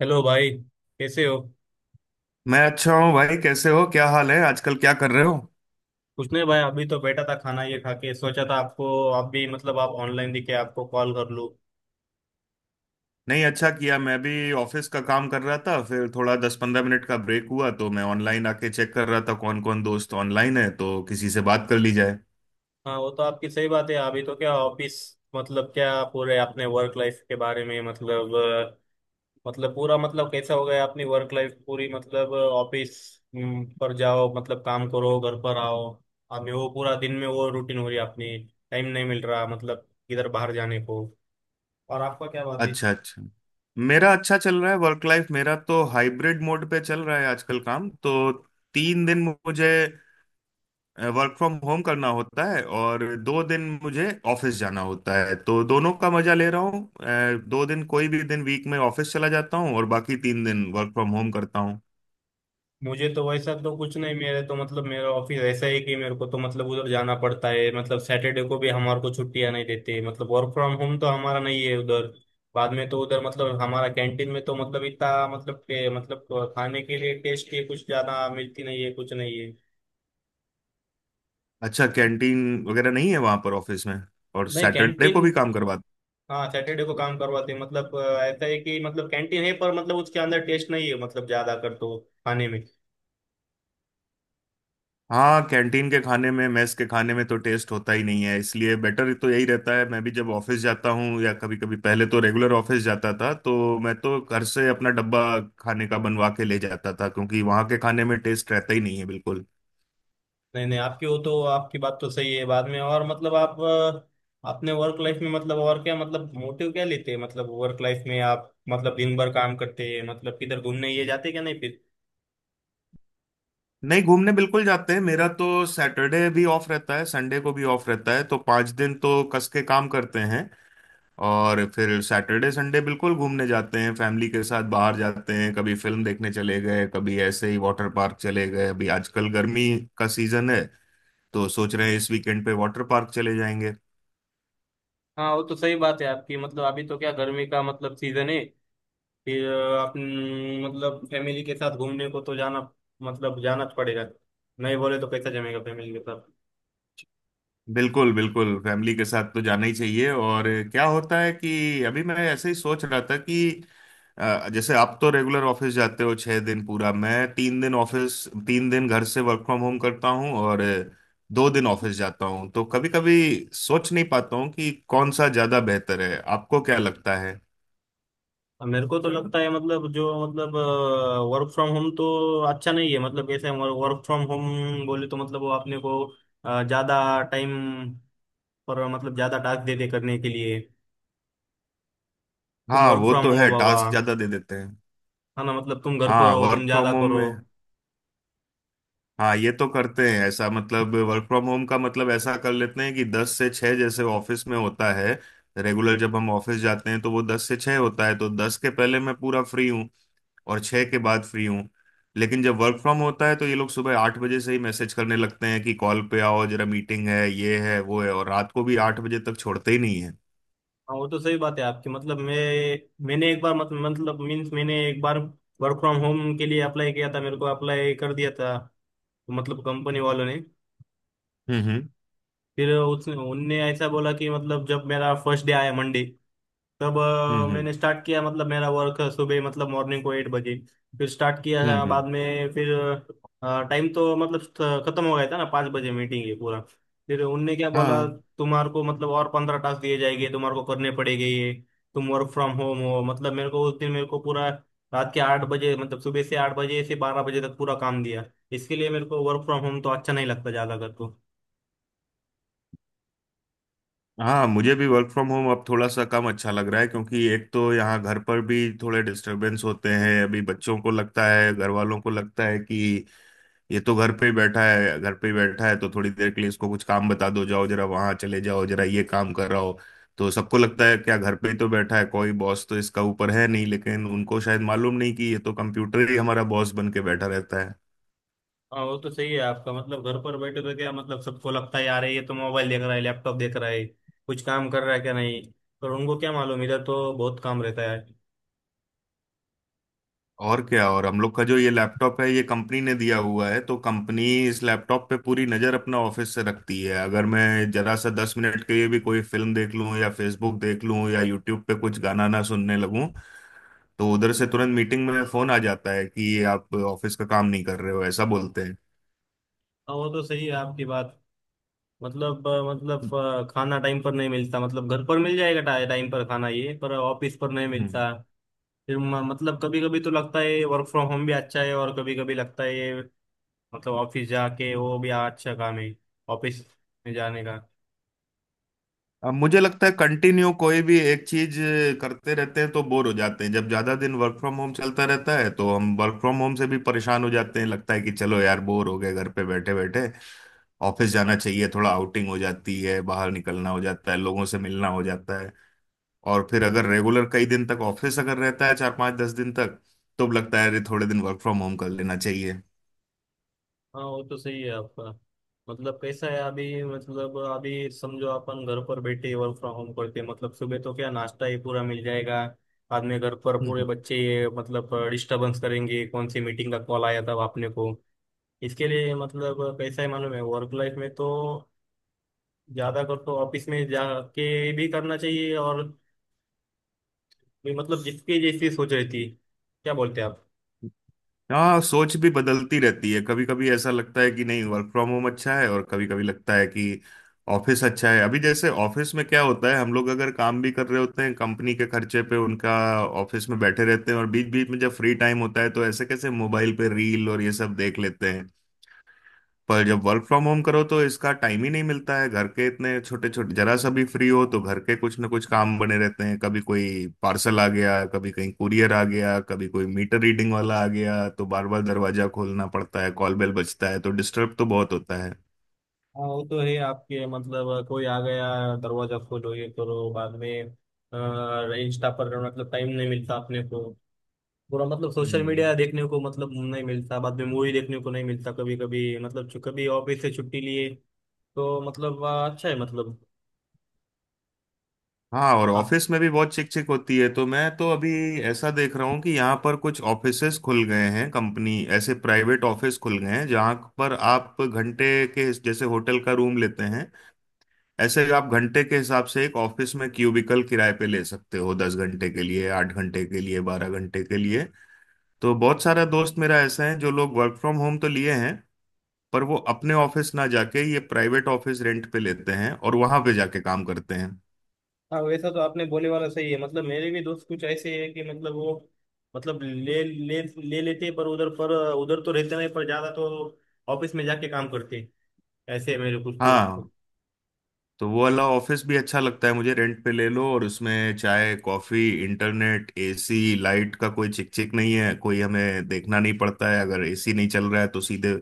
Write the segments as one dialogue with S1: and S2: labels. S1: Hello भाई। कैसे हो?
S2: मैं अच्छा हूँ भाई। कैसे हो? क्या हाल है आजकल? क्या कर रहे हो?
S1: कुछ नहीं भाई, अभी तो बैठा था, खाना ये खा के सोचा था आपको आप भी मतलब आप ऑनलाइन दिखे आपको कॉल कर लूँ।
S2: नहीं, अच्छा किया। मैं भी ऑफिस का काम कर रहा था, फिर थोड़ा 10-15 मिनट का ब्रेक हुआ तो मैं ऑनलाइन आके चेक कर रहा था कौन कौन दोस्त ऑनलाइन है, तो किसी से बात कर ली जाए।
S1: हाँ, वो तो आपकी सही बात है। अभी तो क्या ऑफिस, मतलब क्या पूरे अपने वर्क लाइफ के बारे में, मतलब मतलब पूरा मतलब कैसा हो गया अपनी वर्क लाइफ पूरी मतलब ऑफिस पर जाओ, मतलब काम करो, घर पर आओ। अभी वो पूरा दिन में वो रूटीन हो रही है अपनी। टाइम नहीं मिल रहा मतलब किधर बाहर जाने को। और आपका क्या बात है?
S2: अच्छा अच्छा। मेरा अच्छा चल रहा है। वर्क लाइफ मेरा तो हाइब्रिड मोड पे चल रहा है आजकल। काम तो 3 दिन मुझे वर्क फ्रॉम होम करना होता है और 2 दिन मुझे ऑफिस जाना होता है, तो दोनों का मजा ले रहा हूँ। 2 दिन कोई भी दिन वीक में ऑफिस चला जाता हूँ और बाकी 3 दिन वर्क फ्रॉम होम करता हूँ।
S1: मुझे तो वैसा तो कुछ नहीं, मेरे तो मतलब मेरा ऑफिस ऐसा है कि मेरे को तो मतलब उधर जाना पड़ता है, मतलब सैटरडे को भी हमारे को छुट्टियां नहीं देते, मतलब वर्क फ्रॉम होम तो हमारा नहीं है उधर। बाद में तो उधर मतलब हमारा कैंटीन में तो मतलब इतना मतलब मतलब खाने के लिए टेस्टी कुछ ज्यादा मिलती नहीं है, कुछ नहीं है।
S2: अच्छा, कैंटीन वगैरह नहीं है वहां पर ऑफिस में? और
S1: नहीं
S2: सैटरडे
S1: कैंटीन।
S2: को भी काम करवाते?
S1: हाँ सैटरडे को काम करवाते हैं, मतलब ऐसा है कि मतलब कैंटीन है पर मतलब उसके अंदर टेस्ट नहीं है मतलब ज्यादा कर तो खाने में।
S2: हाँ, कैंटीन के खाने में, मेस के खाने में तो टेस्ट होता ही नहीं है, इसलिए बेटर तो यही रहता है। मैं भी जब ऑफिस जाता हूँ, या कभी कभी, पहले तो रेगुलर ऑफिस जाता था तो मैं तो घर से अपना डब्बा खाने का बनवा के ले जाता था, क्योंकि वहाँ के खाने में टेस्ट रहता ही नहीं है बिल्कुल।
S1: नहीं नहीं, आपकी वो तो आपकी बात तो सही है। बाद में और मतलब आप अपने वर्क लाइफ में मतलब और क्या मतलब मोटिव क्या लेते हैं, मतलब वर्क लाइफ में आप मतलब दिन भर काम करते हैं, मतलब किधर घूमने ये जाते क्या नहीं फिर।
S2: नहीं, घूमने बिल्कुल जाते हैं। मेरा तो सैटरडे भी ऑफ रहता है, संडे को भी ऑफ रहता है, तो 5 दिन तो कस के काम करते हैं और फिर सैटरडे संडे बिल्कुल घूमने जाते हैं, फैमिली के साथ बाहर जाते हैं। कभी फिल्म देखने चले गए, कभी ऐसे ही वाटर पार्क चले गए। अभी आजकल गर्मी का सीजन है, तो सोच रहे हैं इस वीकेंड पे वाटर पार्क चले जाएंगे।
S1: हाँ वो तो सही बात है आपकी, मतलब अभी तो क्या गर्मी का मतलब सीजन है। फिर आप न, मतलब फैमिली के साथ घूमने को तो जाना मतलब जाना पड़ेगा। नहीं बोले तो कैसा जमेगा फैमिली के साथ।
S2: बिल्कुल बिल्कुल, फैमिली के साथ तो जाना ही चाहिए। और क्या होता है कि अभी मैं ऐसे ही सोच रहा था कि जैसे आप तो रेगुलर ऑफिस जाते हो 6 दिन पूरा, मैं 3 दिन ऑफिस 3 दिन घर से वर्क फ्रॉम होम करता हूँ और 2 दिन ऑफिस जाता हूँ, तो कभी कभी सोच नहीं पाता हूँ कि कौन सा ज्यादा बेहतर है। आपको क्या लगता है?
S1: अब मेरे को तो लगता है मतलब जो मतलब वर्क फ्रॉम होम तो अच्छा नहीं है। मतलब कैसे वर्क फ्रॉम होम बोले तो मतलब वो अपने को ज्यादा टाइम पर मतलब ज्यादा टास्क देते करने के लिए। तुम
S2: हाँ,
S1: वर्क
S2: वो
S1: फ्रॉम
S2: तो
S1: हो
S2: है,
S1: बाबा,
S2: टास्क ज्यादा दे देते हैं।
S1: है ना, मतलब तुम घर पर
S2: हाँ,
S1: हो तुम
S2: वर्क
S1: ज्यादा
S2: फ्रॉम होम
S1: करो।
S2: में, हाँ ये तो करते हैं ऐसा। मतलब वर्क फ्रॉम होम का मतलब ऐसा कर लेते हैं कि 10 से 6, जैसे ऑफिस में होता है। रेगुलर जब हम ऑफिस जाते हैं तो वो 10 से 6 होता है, तो दस के पहले मैं पूरा फ्री हूँ और छः के बाद फ्री हूँ। लेकिन जब वर्क फ्रॉम होता है तो ये लोग सुबह 8 बजे से ही मैसेज करने लगते हैं कि कॉल पे आओ, जरा मीटिंग है, ये है वो है, और रात को भी 8 बजे तक छोड़ते ही नहीं है।
S1: हाँ वो तो सही बात है आपकी, मतलब मैं मैंने एक बार मत, मतलब मीन्स मैंने एक बार वर्क फ्रॉम होम के लिए अप्लाई किया था, मेरे को अप्लाई कर दिया था मतलब कंपनी वालों ने।
S2: हम्म।
S1: फिर उसने उनने ऐसा बोला कि मतलब जब मेरा फर्स्ट डे आया मंडे, तब
S2: हम्म।
S1: मैंने स्टार्ट किया, मतलब मेरा वर्क सुबह मतलब मॉर्निंग को एट बजे फिर स्टार्ट किया था।
S2: हम्म।
S1: बाद में फिर टाइम तो मतलब खत्म हो गया था ना 5 बजे, मीटिंग ये पूरा। फिर उनने क्या बोला,
S2: हाँ।
S1: तुम्हारे को मतलब और 15 टास्क दिए जाएंगे तुम्हारे को करने पड़ेंगे ये। तुम वर्क फ्रॉम होम हो, मतलब मेरे को उस दिन मेरे को पूरा रात के 8 बजे मतलब सुबह से 8 बजे से 12 बजे तक पूरा काम दिया। इसके लिए मेरे को वर्क फ्रॉम होम तो अच्छा नहीं लगता ज्यादा कर।
S2: हाँ, मुझे भी वर्क फ्रॉम होम अब थोड़ा सा कम अच्छा लग रहा है, क्योंकि एक तो यहाँ घर पर भी थोड़े डिस्टरबेंस होते हैं। अभी बच्चों को लगता है, घर वालों को लगता है कि ये तो घर पे ही बैठा है, घर पे ही बैठा है, तो थोड़ी देर के लिए इसको कुछ काम बता दो, जाओ जरा वहाँ चले जाओ, जरा ये काम कर रहा हो। तो सबको लगता है क्या घर पे ही तो बैठा है, कोई बॉस तो इसका ऊपर है नहीं। लेकिन उनको शायद मालूम नहीं कि ये तो कंप्यूटर ही हमारा बॉस बन के बैठा रहता।
S1: हाँ वो तो सही है आपका, मतलब घर पर बैठे तो क्या मतलब सबको लगता है यार ये तो मोबाइल देख रहा है, लैपटॉप देख रहा है, कुछ काम कर रहा है क्या नहीं। पर उनको क्या मालूम, इधर तो बहुत काम रहता है।
S2: और क्या। और हम लोग का जो ये लैपटॉप है, ये कंपनी ने दिया हुआ है, तो कंपनी इस लैपटॉप पे पूरी नज़र अपना ऑफिस से रखती है। अगर मैं जरा सा 10 मिनट के लिए भी कोई फिल्म देख लूं, या फेसबुक देख लूं, या यूट्यूब पे कुछ गाना ना सुनने लगूं, तो उधर से तुरंत मीटिंग में फोन आ जाता है कि ये आप ऑफिस का काम नहीं कर रहे हो, ऐसा बोलते हैं।
S1: हाँ वो तो सही है आपकी बात, मतलब मतलब खाना टाइम पर नहीं मिलता, मतलब घर पर मिल जाएगा टाइम पर खाना ये, पर ऑफिस पर नहीं
S2: हम्म।
S1: मिलता। फिर मतलब कभी कभी तो लगता है वर्क फ्रॉम होम भी अच्छा है और कभी कभी लगता है ये मतलब ऑफिस जाके वो भी अच्छा काम है ऑफिस में जाने का।
S2: अब मुझे लगता है कंटिन्यू कोई भी एक चीज करते रहते हैं तो बोर हो जाते हैं। जब ज्यादा दिन वर्क फ्रॉम होम चलता रहता है तो हम वर्क फ्रॉम होम से भी परेशान हो जाते हैं, लगता है कि चलो यार बोर हो गए घर पे बैठे बैठे, ऑफिस जाना चाहिए, थोड़ा आउटिंग हो जाती है, बाहर निकलना हो जाता है, लोगों से मिलना हो जाता है। और फिर अगर रेगुलर कई दिन तक ऑफिस अगर रहता है, 4-5-10 दिन तक, तो लगता है अरे थोड़े दिन वर्क फ्रॉम होम कर लेना चाहिए।
S1: हाँ वो तो सही है आपका। मतलब कैसा है अभी, मतलब अभी समझो अपन घर पर बैठे वर्क फ्रॉम होम करते हैं मतलब सुबह तो क्या नाश्ता ही पूरा मिल जाएगा। बाद में घर पर पूरे बच्चे ये मतलब डिस्टरबेंस करेंगे, कौन सी मीटिंग का कॉल आया था आपने को। इसके लिए मतलब कैसा है मालूम है, वर्क लाइफ में तो ज्यादा कर तो ऑफिस में जाके भी करना चाहिए और भी, मतलब जिसकी जैसी सोच रहती। क्या बोलते हैं आप?
S2: हाँ, सोच भी बदलती रहती है। कभी कभी ऐसा लगता है कि नहीं वर्क फ्रॉम होम अच्छा है, और कभी कभी लगता है कि ऑफिस अच्छा है। अभी जैसे ऑफिस में क्या होता है, हम लोग अगर काम भी कर रहे होते हैं कंपनी के खर्चे पे, उनका ऑफिस में बैठे रहते हैं, और बीच बीच में जब फ्री टाइम होता है तो ऐसे कैसे मोबाइल पे रील और ये सब देख लेते हैं। पर जब वर्क फ्रॉम होम करो तो इसका टाइम ही नहीं मिलता है। घर के इतने छोटे छोटे, जरा सा भी फ्री हो तो घर के कुछ ना कुछ काम बने रहते हैं। कभी कोई पार्सल आ गया, कभी कहीं कुरियर आ गया, कभी कोई मीटर रीडिंग वाला आ गया, तो बार बार दरवाजा खोलना पड़ता है, कॉल बेल बजता है, तो डिस्टर्ब तो बहुत होता है।
S1: हाँ वो तो है आपके, मतलब कोई आ गया, दरवाजा खोलो ये करो, बाद में इंस्टा पर मतलब टाइम नहीं मिलता अपने को पूरा, मतलब सोशल
S2: हम्म,
S1: मीडिया देखने को मतलब नहीं मिलता, बाद में मूवी देखने को नहीं मिलता। कभी कभी मतलब कभी ऑफिस से छुट्टी लिए तो मतलब अच्छा है मतलब
S2: हाँ। और
S1: आप।
S2: ऑफिस में भी बहुत चिक चिक होती है, तो मैं तो अभी ऐसा देख रहा हूँ कि यहाँ पर कुछ ऑफिसेस खुल गए हैं। कंपनी ऐसे प्राइवेट ऑफिस खुल गए हैं जहाँ पर आप घंटे के, जैसे होटल का रूम लेते हैं ऐसे ही, आप घंटे के हिसाब से एक ऑफिस में क्यूबिकल किराए पे ले सकते हो, 10 घंटे के लिए, 8 घंटे के लिए, 12 घंटे के लिए। तो बहुत सारा दोस्त मेरा ऐसा है, जो लोग वर्क फ्रॉम होम तो लिए हैं पर वो अपने ऑफिस ना जाके ये प्राइवेट ऑफिस रेंट पे लेते हैं और वहां पे जाके काम करते हैं।
S1: हाँ वैसा तो आपने बोले वाला सही है, मतलब मेरे भी दोस्त कुछ ऐसे है कि मतलब वो मतलब ले ले ले लेते हैं, पर उधर तो रहते नहीं पर ज्यादा तो ऑफिस में जाके काम करते हैं। ऐसे है मेरे कुछ
S2: हाँ।
S1: दोस्त।
S2: तो वो वाला ऑफिस भी अच्छा लगता है मुझे। रेंट पे ले लो और उसमें चाय कॉफी इंटरनेट एसी लाइट का कोई चिक चिक नहीं है, कोई हमें देखना नहीं पड़ता है। अगर एसी नहीं चल रहा है तो सीधे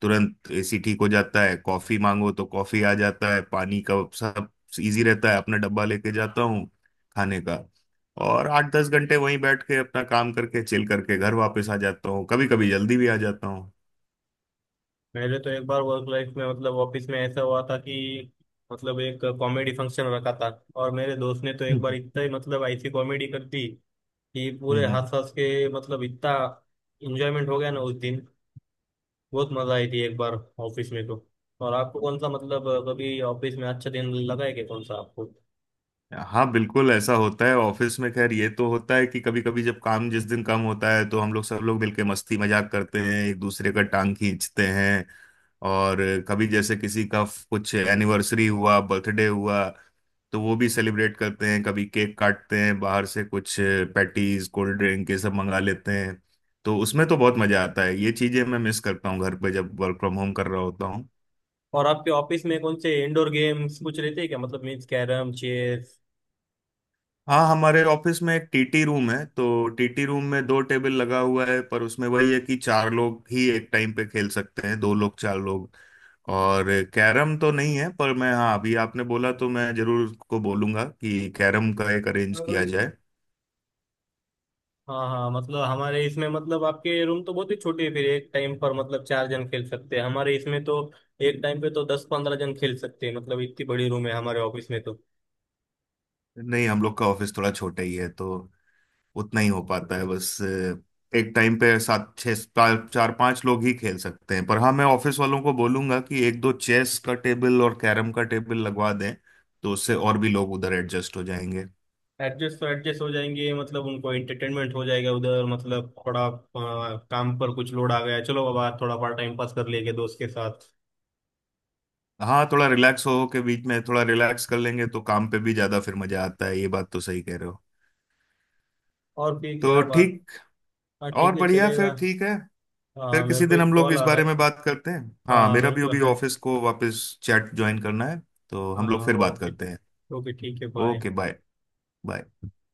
S2: तुरंत एसी ठीक हो जाता है, कॉफी मांगो तो कॉफी आ जाता है, पानी का सब इजी रहता है। अपना डब्बा लेके जाता हूँ खाने का, और 8-10 घंटे वहीं बैठ के अपना काम करके चिल करके घर वापस आ जाता हूँ। कभी कभी जल्दी भी आ जाता हूँ।
S1: पहले तो एक बार वर्क लाइफ में मतलब ऑफिस में ऐसा हुआ था कि मतलब एक कॉमेडी फंक्शन रखा था, और मेरे दोस्त ने तो एक
S2: हम्म
S1: बार इतना ही मतलब ऐसी कॉमेडी कर दी कि
S2: हम्म,
S1: पूरे
S2: हम्म।
S1: हंस हंस के मतलब इतना एंजॉयमेंट हो गया ना उस दिन। बहुत मजा आई थी एक बार ऑफिस में तो। और आपको कौन सा मतलब कभी ऑफिस में अच्छा दिन लगा है क्या, कौन सा आपको?
S2: हाँ बिल्कुल, ऐसा होता है ऑफिस में। खैर ये तो होता है कि कभी कभी जब काम, जिस दिन कम होता है तो हम लोग सब लोग मिलके मस्ती मजाक करते हैं, एक दूसरे का टांग खींचते हैं। और कभी जैसे किसी का कुछ एनिवर्सरी हुआ, बर्थडे हुआ, तो वो भी सेलिब्रेट करते हैं, कभी केक काटते हैं, बाहर से कुछ पैटीज कोल्ड ड्रिंक ये सब मंगा लेते हैं, तो उसमें तो बहुत मजा आता है। ये चीजें मैं मिस करता हूँ घर पे जब वर्क फ्रॉम होम कर रहा होता हूँ।
S1: और आपके ऑफिस में कौन से इंडोर गेम्स कुछ रहते हैं क्या, मतलब मीन्स कैरम चेस?
S2: हाँ, हमारे ऑफिस में एक टीटी रूम है, तो टीटी रूम में 2 टेबल लगा हुआ है, पर उसमें वही है कि चार लोग ही एक टाइम पे खेल सकते हैं, दो लोग चार लोग। और कैरम तो नहीं है, पर मैं, हाँ अभी आपने बोला तो मैं जरूर उसको बोलूंगा कि कैरम का एक अरेंज किया जाए।
S1: हाँ हाँ, मतलब हमारे इसमें मतलब आपके रूम तो बहुत ही छोटी है फिर, एक टाइम पर मतलब चार जन खेल सकते हैं। हमारे इसमें तो एक टाइम पे तो 10-15 जन खेल सकते हैं, मतलब इतनी बड़ी रूम है हमारे ऑफिस में तो।
S2: नहीं, हम लोग का ऑफिस थोड़ा छोटा ही है, तो उतना ही हो पाता है बस। एक टाइम पे सात छः चार चार पांच लोग ही खेल सकते हैं। पर हाँ, मैं ऑफिस वालों को बोलूंगा कि एक दो चेस का टेबल और कैरम का टेबल लगवा दें, तो उससे और भी लोग उधर एडजस्ट हो जाएंगे।
S1: एडजस्ट तो एडजस्ट हो जाएंगे, मतलब उनको एंटरटेनमेंट हो जाएगा उधर। मतलब थोड़ा काम पर कुछ लोड आ गया, चलो बाबा थोड़ा बड़ा टाइम पास कर लेंगे दोस्त के साथ।
S2: हाँ, थोड़ा रिलैक्स हो के, बीच में थोड़ा रिलैक्स कर लेंगे तो काम पे भी ज्यादा फिर मजा आता है। ये बात तो सही कह रहे हो।
S1: और फिर
S2: तो
S1: क्या बात।
S2: ठीक।
S1: हाँ ठीक
S2: और
S1: है,
S2: बढ़िया, फिर
S1: चलेगा।
S2: ठीक है।
S1: हाँ
S2: फिर
S1: मेरे
S2: किसी
S1: को
S2: दिन
S1: एक
S2: हम लोग
S1: कॉल
S2: इस
S1: आ रहा
S2: बारे
S1: है।
S2: में बात करते हैं।
S1: हाँ
S2: हाँ
S1: हाँ
S2: मेरा
S1: मेरे
S2: भी
S1: को
S2: अभी
S1: हाँ।
S2: ऑफिस को वापस चैट ज्वाइन करना है, तो हम लोग
S1: हाँ
S2: फिर बात
S1: ओके।
S2: करते हैं।
S1: ओके ठीक है, बाय।
S2: Okay bye. बाय।